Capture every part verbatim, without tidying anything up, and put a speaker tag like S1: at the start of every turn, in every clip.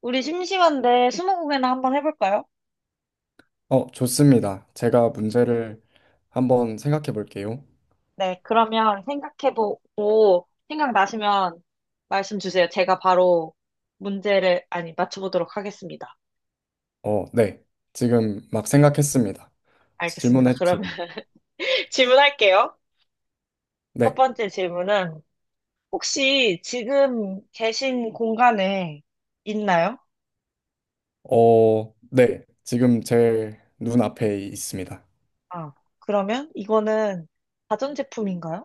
S1: 우리 심심한데 스무고개나 한번 해볼까요?
S2: 어, 좋습니다. 제가 문제를 한번 생각해 볼게요.
S1: 네, 그러면 생각해보고 생각나시면 말씀 주세요. 제가 바로 문제를, 아니, 맞춰보도록 하겠습니다.
S2: 어, 네. 지금 막 생각했습니다.
S1: 알겠습니다.
S2: 질문해
S1: 그러면
S2: 주세요.
S1: 질문할게요. 첫
S2: 네.
S1: 번째 질문은 혹시 지금 계신 공간에 있나요?
S2: 어, 네. 지금 제 눈앞에 있습니다.
S1: 아, 그러면 이거는 가전제품인가요?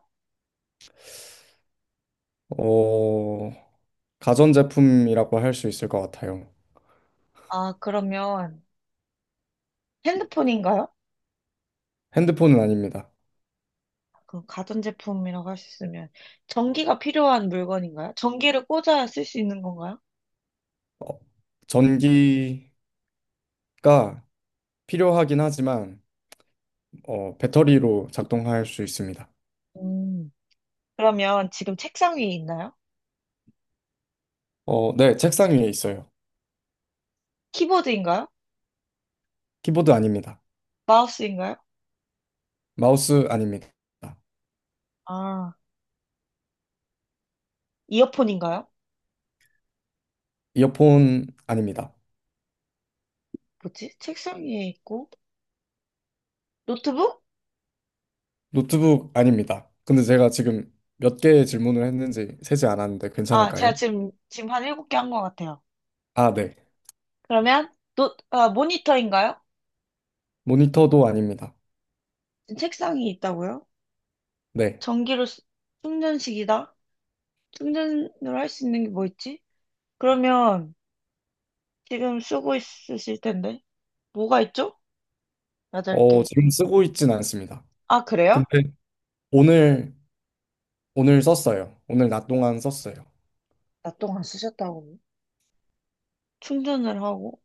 S2: 어, 가전제품이라고 할 수 있을 것 같아요.
S1: 아, 그러면 핸드폰인가요?
S2: 핸드폰은 아닙니다.
S1: 그 가전제품이라고 할 수 있으면 전기가 필요한 물건인가요? 전기를 꽂아야 쓸 수 있는 건가요?
S2: 어, 전기가 필요하긴 하지만, 어, 배터리로 작동할 수 있습니다.
S1: 음. 그러면 지금 책상 위에 있나요?
S2: 어, 네. 책상 위에 있어요.
S1: 키보드인가요?
S2: 키보드 아닙니다.
S1: 마우스인가요?
S2: 마우스 아닙니다.
S1: 아, 이어폰인가요?
S2: 이어폰 아닙니다.
S1: 뭐지? 책상 위에 있고 노트북?
S2: 노트북 아닙니다. 근데 제가 지금 몇 개의 질문을 했는지 세지 않았는데
S1: 아, 제가
S2: 괜찮을까요?
S1: 지금 지금 한 일곱 개 한 것 같아요.
S2: 아, 네.
S1: 그러면 노, 아, 모니터인가요?
S2: 모니터도 아닙니다.
S1: 지금 책상이 있다고요?
S2: 네.
S1: 전기로 쓰- 충전식이다. 충전으로 할 수 있는 게 뭐 있지? 그러면 지금 쓰고 있으실 텐데 뭐가 있죠? 여덟
S2: 어,
S1: 개
S2: 지금 쓰고 있진 않습니다.
S1: 아, 그래요?
S2: 근데 오늘, 오늘 썼어요. 오늘 낮 동안 썼어요.
S1: 나 동안 쓰셨다고. 충전을 하고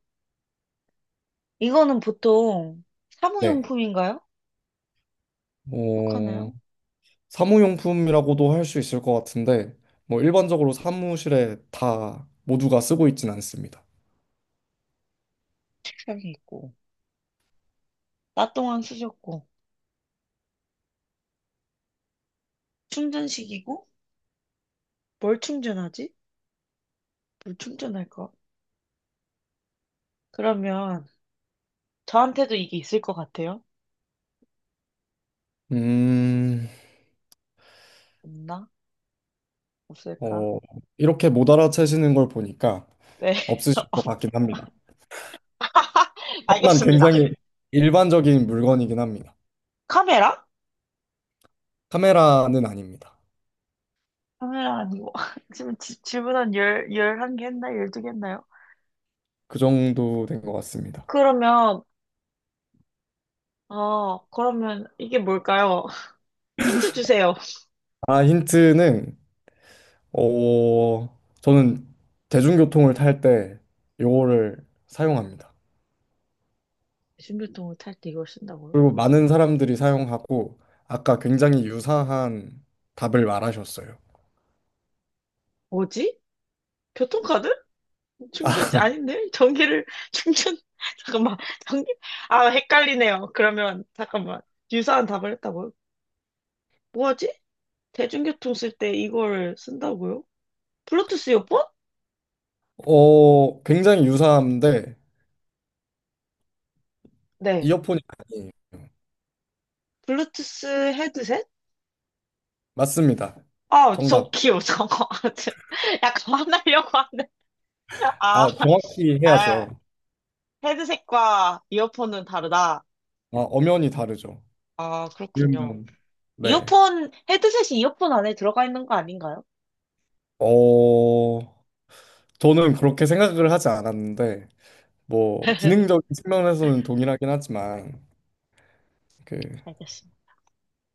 S1: 이거는 보통
S2: 네.
S1: 사무용품인가요?
S2: 어,
S1: 속하나요?
S2: 사무용품이라고도 할 수 있을 것 같은데, 뭐 일반적으로 사무실에 다 모두가 쓰고 있진 않습니다.
S1: 책상에 있고. 낮 동안 쓰셨고 충전식이고 뭘 충전하지? 뭘 충전할까? 그러면 저한테도 이게 있을 것 같아요.
S2: 음,
S1: 없나? 없을까?
S2: 어, 이렇게 못 알아채시는 걸 보니까
S1: 네,
S2: 없으실 것 같긴 합니다. 하지만
S1: 알겠습니다.
S2: 굉장히 일반적인 물건이긴 합니다.
S1: 카메라?
S2: 카메라는 아닙니다.
S1: 카메라 아니고 지금 지- 질문 한 열, 열한 개 했나? 열두 개 했나요?
S2: 그 정도 된 것 같습니다.
S1: 그러면 어 그러면 이게 뭘까요? 힌트 주세요.
S2: 아, 힌트는 어, 저는 대중교통을 탈 때 요거를 사용합니다.
S1: 신교통을 탈 때 이걸 쓴다고요?
S2: 그리고 많은 사람들이 사용하고 아까 굉장히 유사한 답을 말하셨어요.
S1: 뭐지? 교통카드? 충전지 아닌데? 전기를 충전 잠깐만, 전기. 아 헷갈리네요. 그러면 잠깐만, 유사한 답을 했다고요? 뭐지? 대중교통 쓸 때 이걸 쓴다고요? 블루투스 이어폰?
S2: 어, 굉장히 유사한데
S1: 네.
S2: 이어폰이 아니에요.
S1: 블루투스 헤드셋?
S2: 맞습니다.
S1: 아, 저
S2: 정답.
S1: 귀여워, 저거. 저- 약간 화나려고 하는데. 아,
S2: 아, 정확히
S1: 아,
S2: 해야죠.
S1: 헤드셋과 이어폰은 다르다.
S2: 아, 엄연히 다르죠.
S1: 아, 그렇군요.
S2: 그러면 네.
S1: 이어폰, 헤드셋이 이어폰 안에 들어가 있는 거 아닌가요?
S2: 어, 저는 그렇게 생각을 하지 않았는데, 뭐, 기능적인 측면에서는 동일하긴 하지만, 그,
S1: 알겠습니다.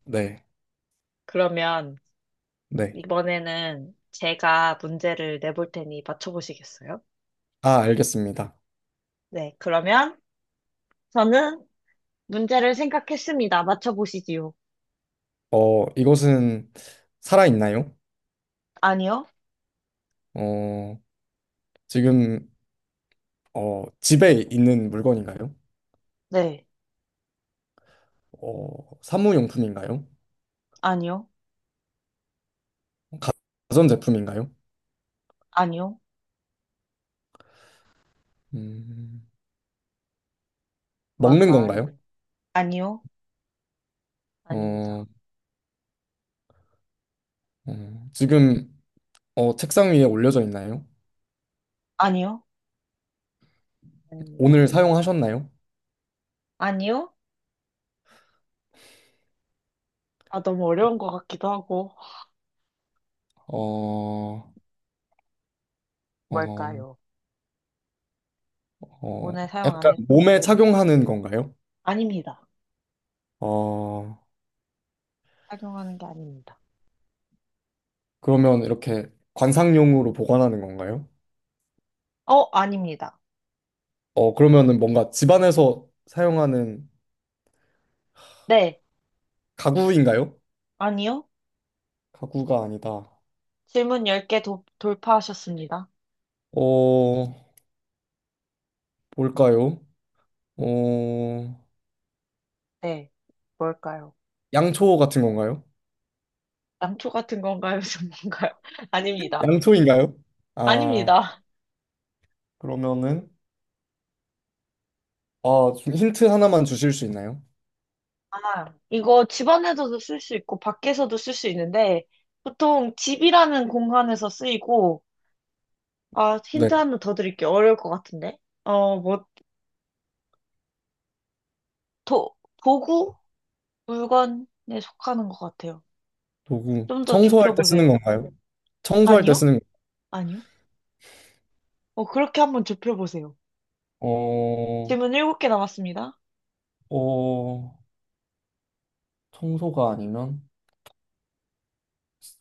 S2: 네,
S1: 그러면
S2: 네.
S1: 이번에는 제가 문제를 내볼 테니 맞춰보시겠어요?
S2: 아, 알겠습니다.
S1: 네, 그러면 저는 문제를 생각했습니다. 맞춰보시지요.
S2: 어, 이것은 살아있나요?
S1: 아니요?
S2: 어, 지금, 어, 집에 있는 물건인가요?
S1: 네,
S2: 어, 사무용품인가요?
S1: 아니요,
S2: 가- 가전제품인가요?
S1: 아니요,
S2: 음, 먹는 건가요?
S1: 뭘까요? 아니요, 아닙니다.
S2: 어, 음, 지금, 어, 책상 위에 올려져 있나요?
S1: 아니요, 아닙니다.
S2: 오늘 사용하셨나요?
S1: 아니요? 아, 너무 어려운 것 같기도 하고.
S2: 어, 어,
S1: 뭘까요?
S2: 어,
S1: 오늘 사용 안
S2: 약간 몸에
S1: 했습니다.
S2: 착용하는 건가요?
S1: 아닙니다.
S2: 어,
S1: 착용하는 게 아닙니다.
S2: 그러면 이렇게 관상용으로 보관하는 건가요?
S1: 어, 아닙니다.
S2: 어, 그러면은 뭔가 집안에서 사용하는
S1: 네,
S2: 가구인가요?
S1: 아니요.
S2: 가구가 아니다.
S1: 질문 열 개 도, 돌파하셨습니다.
S2: 어, 뭘까요? 어,
S1: 네, 뭘까요?
S2: 양초 같은 건가요?
S1: 양초 같은 건가요? 전가요 아닙니다.
S2: 양초인가요? 아,
S1: 아닙니다.
S2: 그러면은 아, 좀 힌트 하나만 주실 수 있나요?
S1: 아, 이거 집 안에서도 쓸 수 있고, 밖에서도 쓸 수 있는데, 보통 집이라는 공간에서 쓰이고, 아,
S2: 네.
S1: 힌트 하나 더 드릴게요. 어려울 것 같은데. 어, 뭐, 도, 도구? 물건에 속하는 것 같아요.
S2: 도구.
S1: 좀 더
S2: 청소할 때 쓰는
S1: 좁혀보세요.
S2: 건가요? 청소할 때
S1: 아니요?
S2: 쓰는 거-
S1: 아니요? 어, 그렇게 한번 좁혀보세요.
S2: 어,
S1: 질문 일곱 개 남았습니다.
S2: 어, 청소가 아니면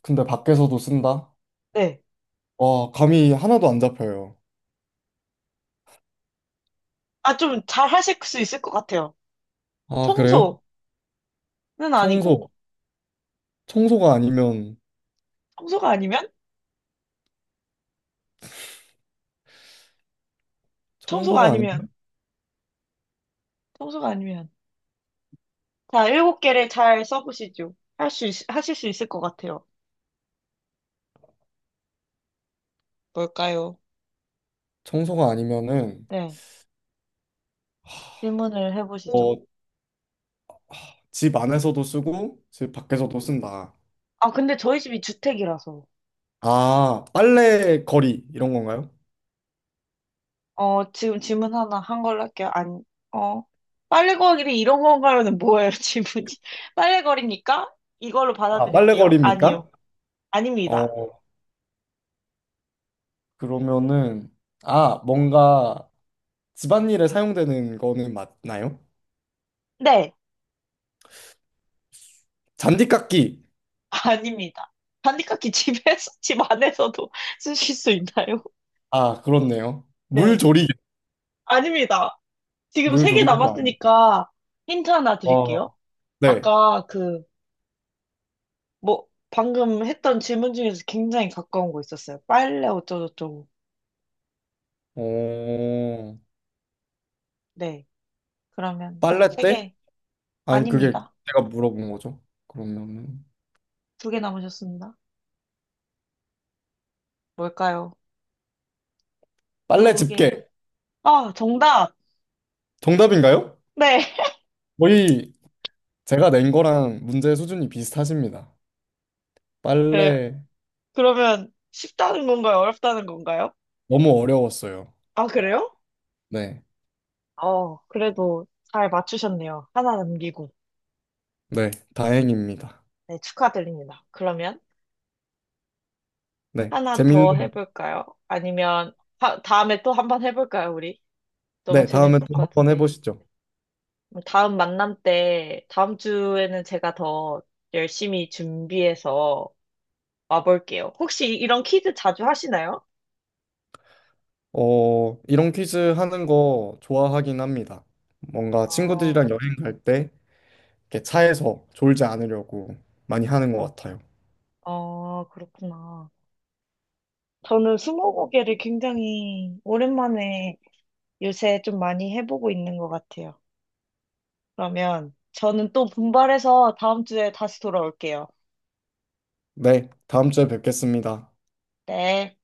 S2: 근데 밖에서도 쓴다?
S1: 네.
S2: 와, 감이 하나도 안 잡혀요.
S1: 아, 좀 잘 하실 수 있을 것 같아요.
S2: 아, 그래요?
S1: 청소는
S2: 청소.
S1: 아니고,
S2: 청소가 아니면,
S1: 청소가 아니면? 청소가
S2: 청소가
S1: 아니면,
S2: 아니면,
S1: 청소가 아니면. 자, 일곱 개를 잘 써보시죠. 할 수, 있, 하실 수 있을 것 같아요. 뭘까요?
S2: 청소가 아니면은,
S1: 네. 질문을 해보시죠.
S2: 어, 집 안에서도 쓰고, 집 밖에서도 쓴다.
S1: 아, 근데 저희 집이 주택이라서.
S2: 아, 빨래 거리, 이런 건가요?
S1: 어, 지금 질문 하나 한 걸로 할게요. 안, 어. 빨래 거리 이런 건가요는 뭐예요, 질문이? 빨래 거리니까? 이걸로
S2: 아, 빨래
S1: 받아들일게요.
S2: 거리입니까?
S1: 아니요.
S2: 어,
S1: 아닙니다.
S2: 그러면은, 아, 뭔가 집안일에 사용되는 거는 맞나요?
S1: 네.
S2: 잔디깎기.
S1: 아닙니다. 단디깎기 집에서, 집 안에서도 쓰실 수 있나요?
S2: 아, 그렇네요.
S1: 네.
S2: 물조리개.
S1: 아닙니다. 지금 세 개
S2: 물조리개도 아니고.
S1: 남았으니까 힌트 하나
S2: 어,
S1: 드릴게요.
S2: 네.
S1: 아까 그, 뭐, 방금 했던 질문 중에서 굉장히 가까운 거 있었어요. 빨래 어쩌고저쩌고.
S2: 어,
S1: 네. 그러면
S2: 빨래
S1: 세
S2: 때?
S1: 개.
S2: 아니 그게
S1: 아닙니다.
S2: 제가 물어본 거죠. 그러면은
S1: 두 개 남으셨습니다. 뭘까요?
S2: 빨래
S1: 두 개.
S2: 집게
S1: 아, 정답!
S2: 정답인가요?
S1: 네.
S2: 거의 제가 낸 거랑 문제 수준이 비슷하십니다.
S1: 네.
S2: 빨래
S1: 그러면 쉽다는 건가요? 어렵다는 건가요?
S2: 너무 어려웠어요.
S1: 아, 그래요?
S2: 네,
S1: 어, 그래도 잘 맞추셨네요. 하나 남기고.
S2: 네, 다행입니다.
S1: 네, 축하드립니다. 그러면
S2: 네,
S1: 하나 더
S2: 재밌는.
S1: 해볼까요? 아니면 하- 다음에 또 한번 해볼까요, 우리? 너무
S2: 네, 다음에
S1: 재밌을
S2: 또 한
S1: 것
S2: 번
S1: 같은데.
S2: 해보시죠.
S1: 그럼 다음 만남 때, 다음 주에는 제가 더 열심히 준비해서 와볼게요. 혹시 이런 퀴즈 자주 하시나요?
S2: 어, 이런 퀴즈 하는 거 좋아하긴 합니다. 뭔가
S1: 아,
S2: 친구들이랑 여행 갈 때 이렇게 차에서 졸지 않으려고 많이 하는 것 같아요.
S1: 아, 그렇구나. 저는 스무고개를 굉장히 오랜만에 요새 좀 많이 해보고 있는 것 같아요. 그러면 저는 또 분발해서 다음 주에 다시 돌아올게요.
S2: 네, 다음 주에 뵙겠습니다.
S1: 네.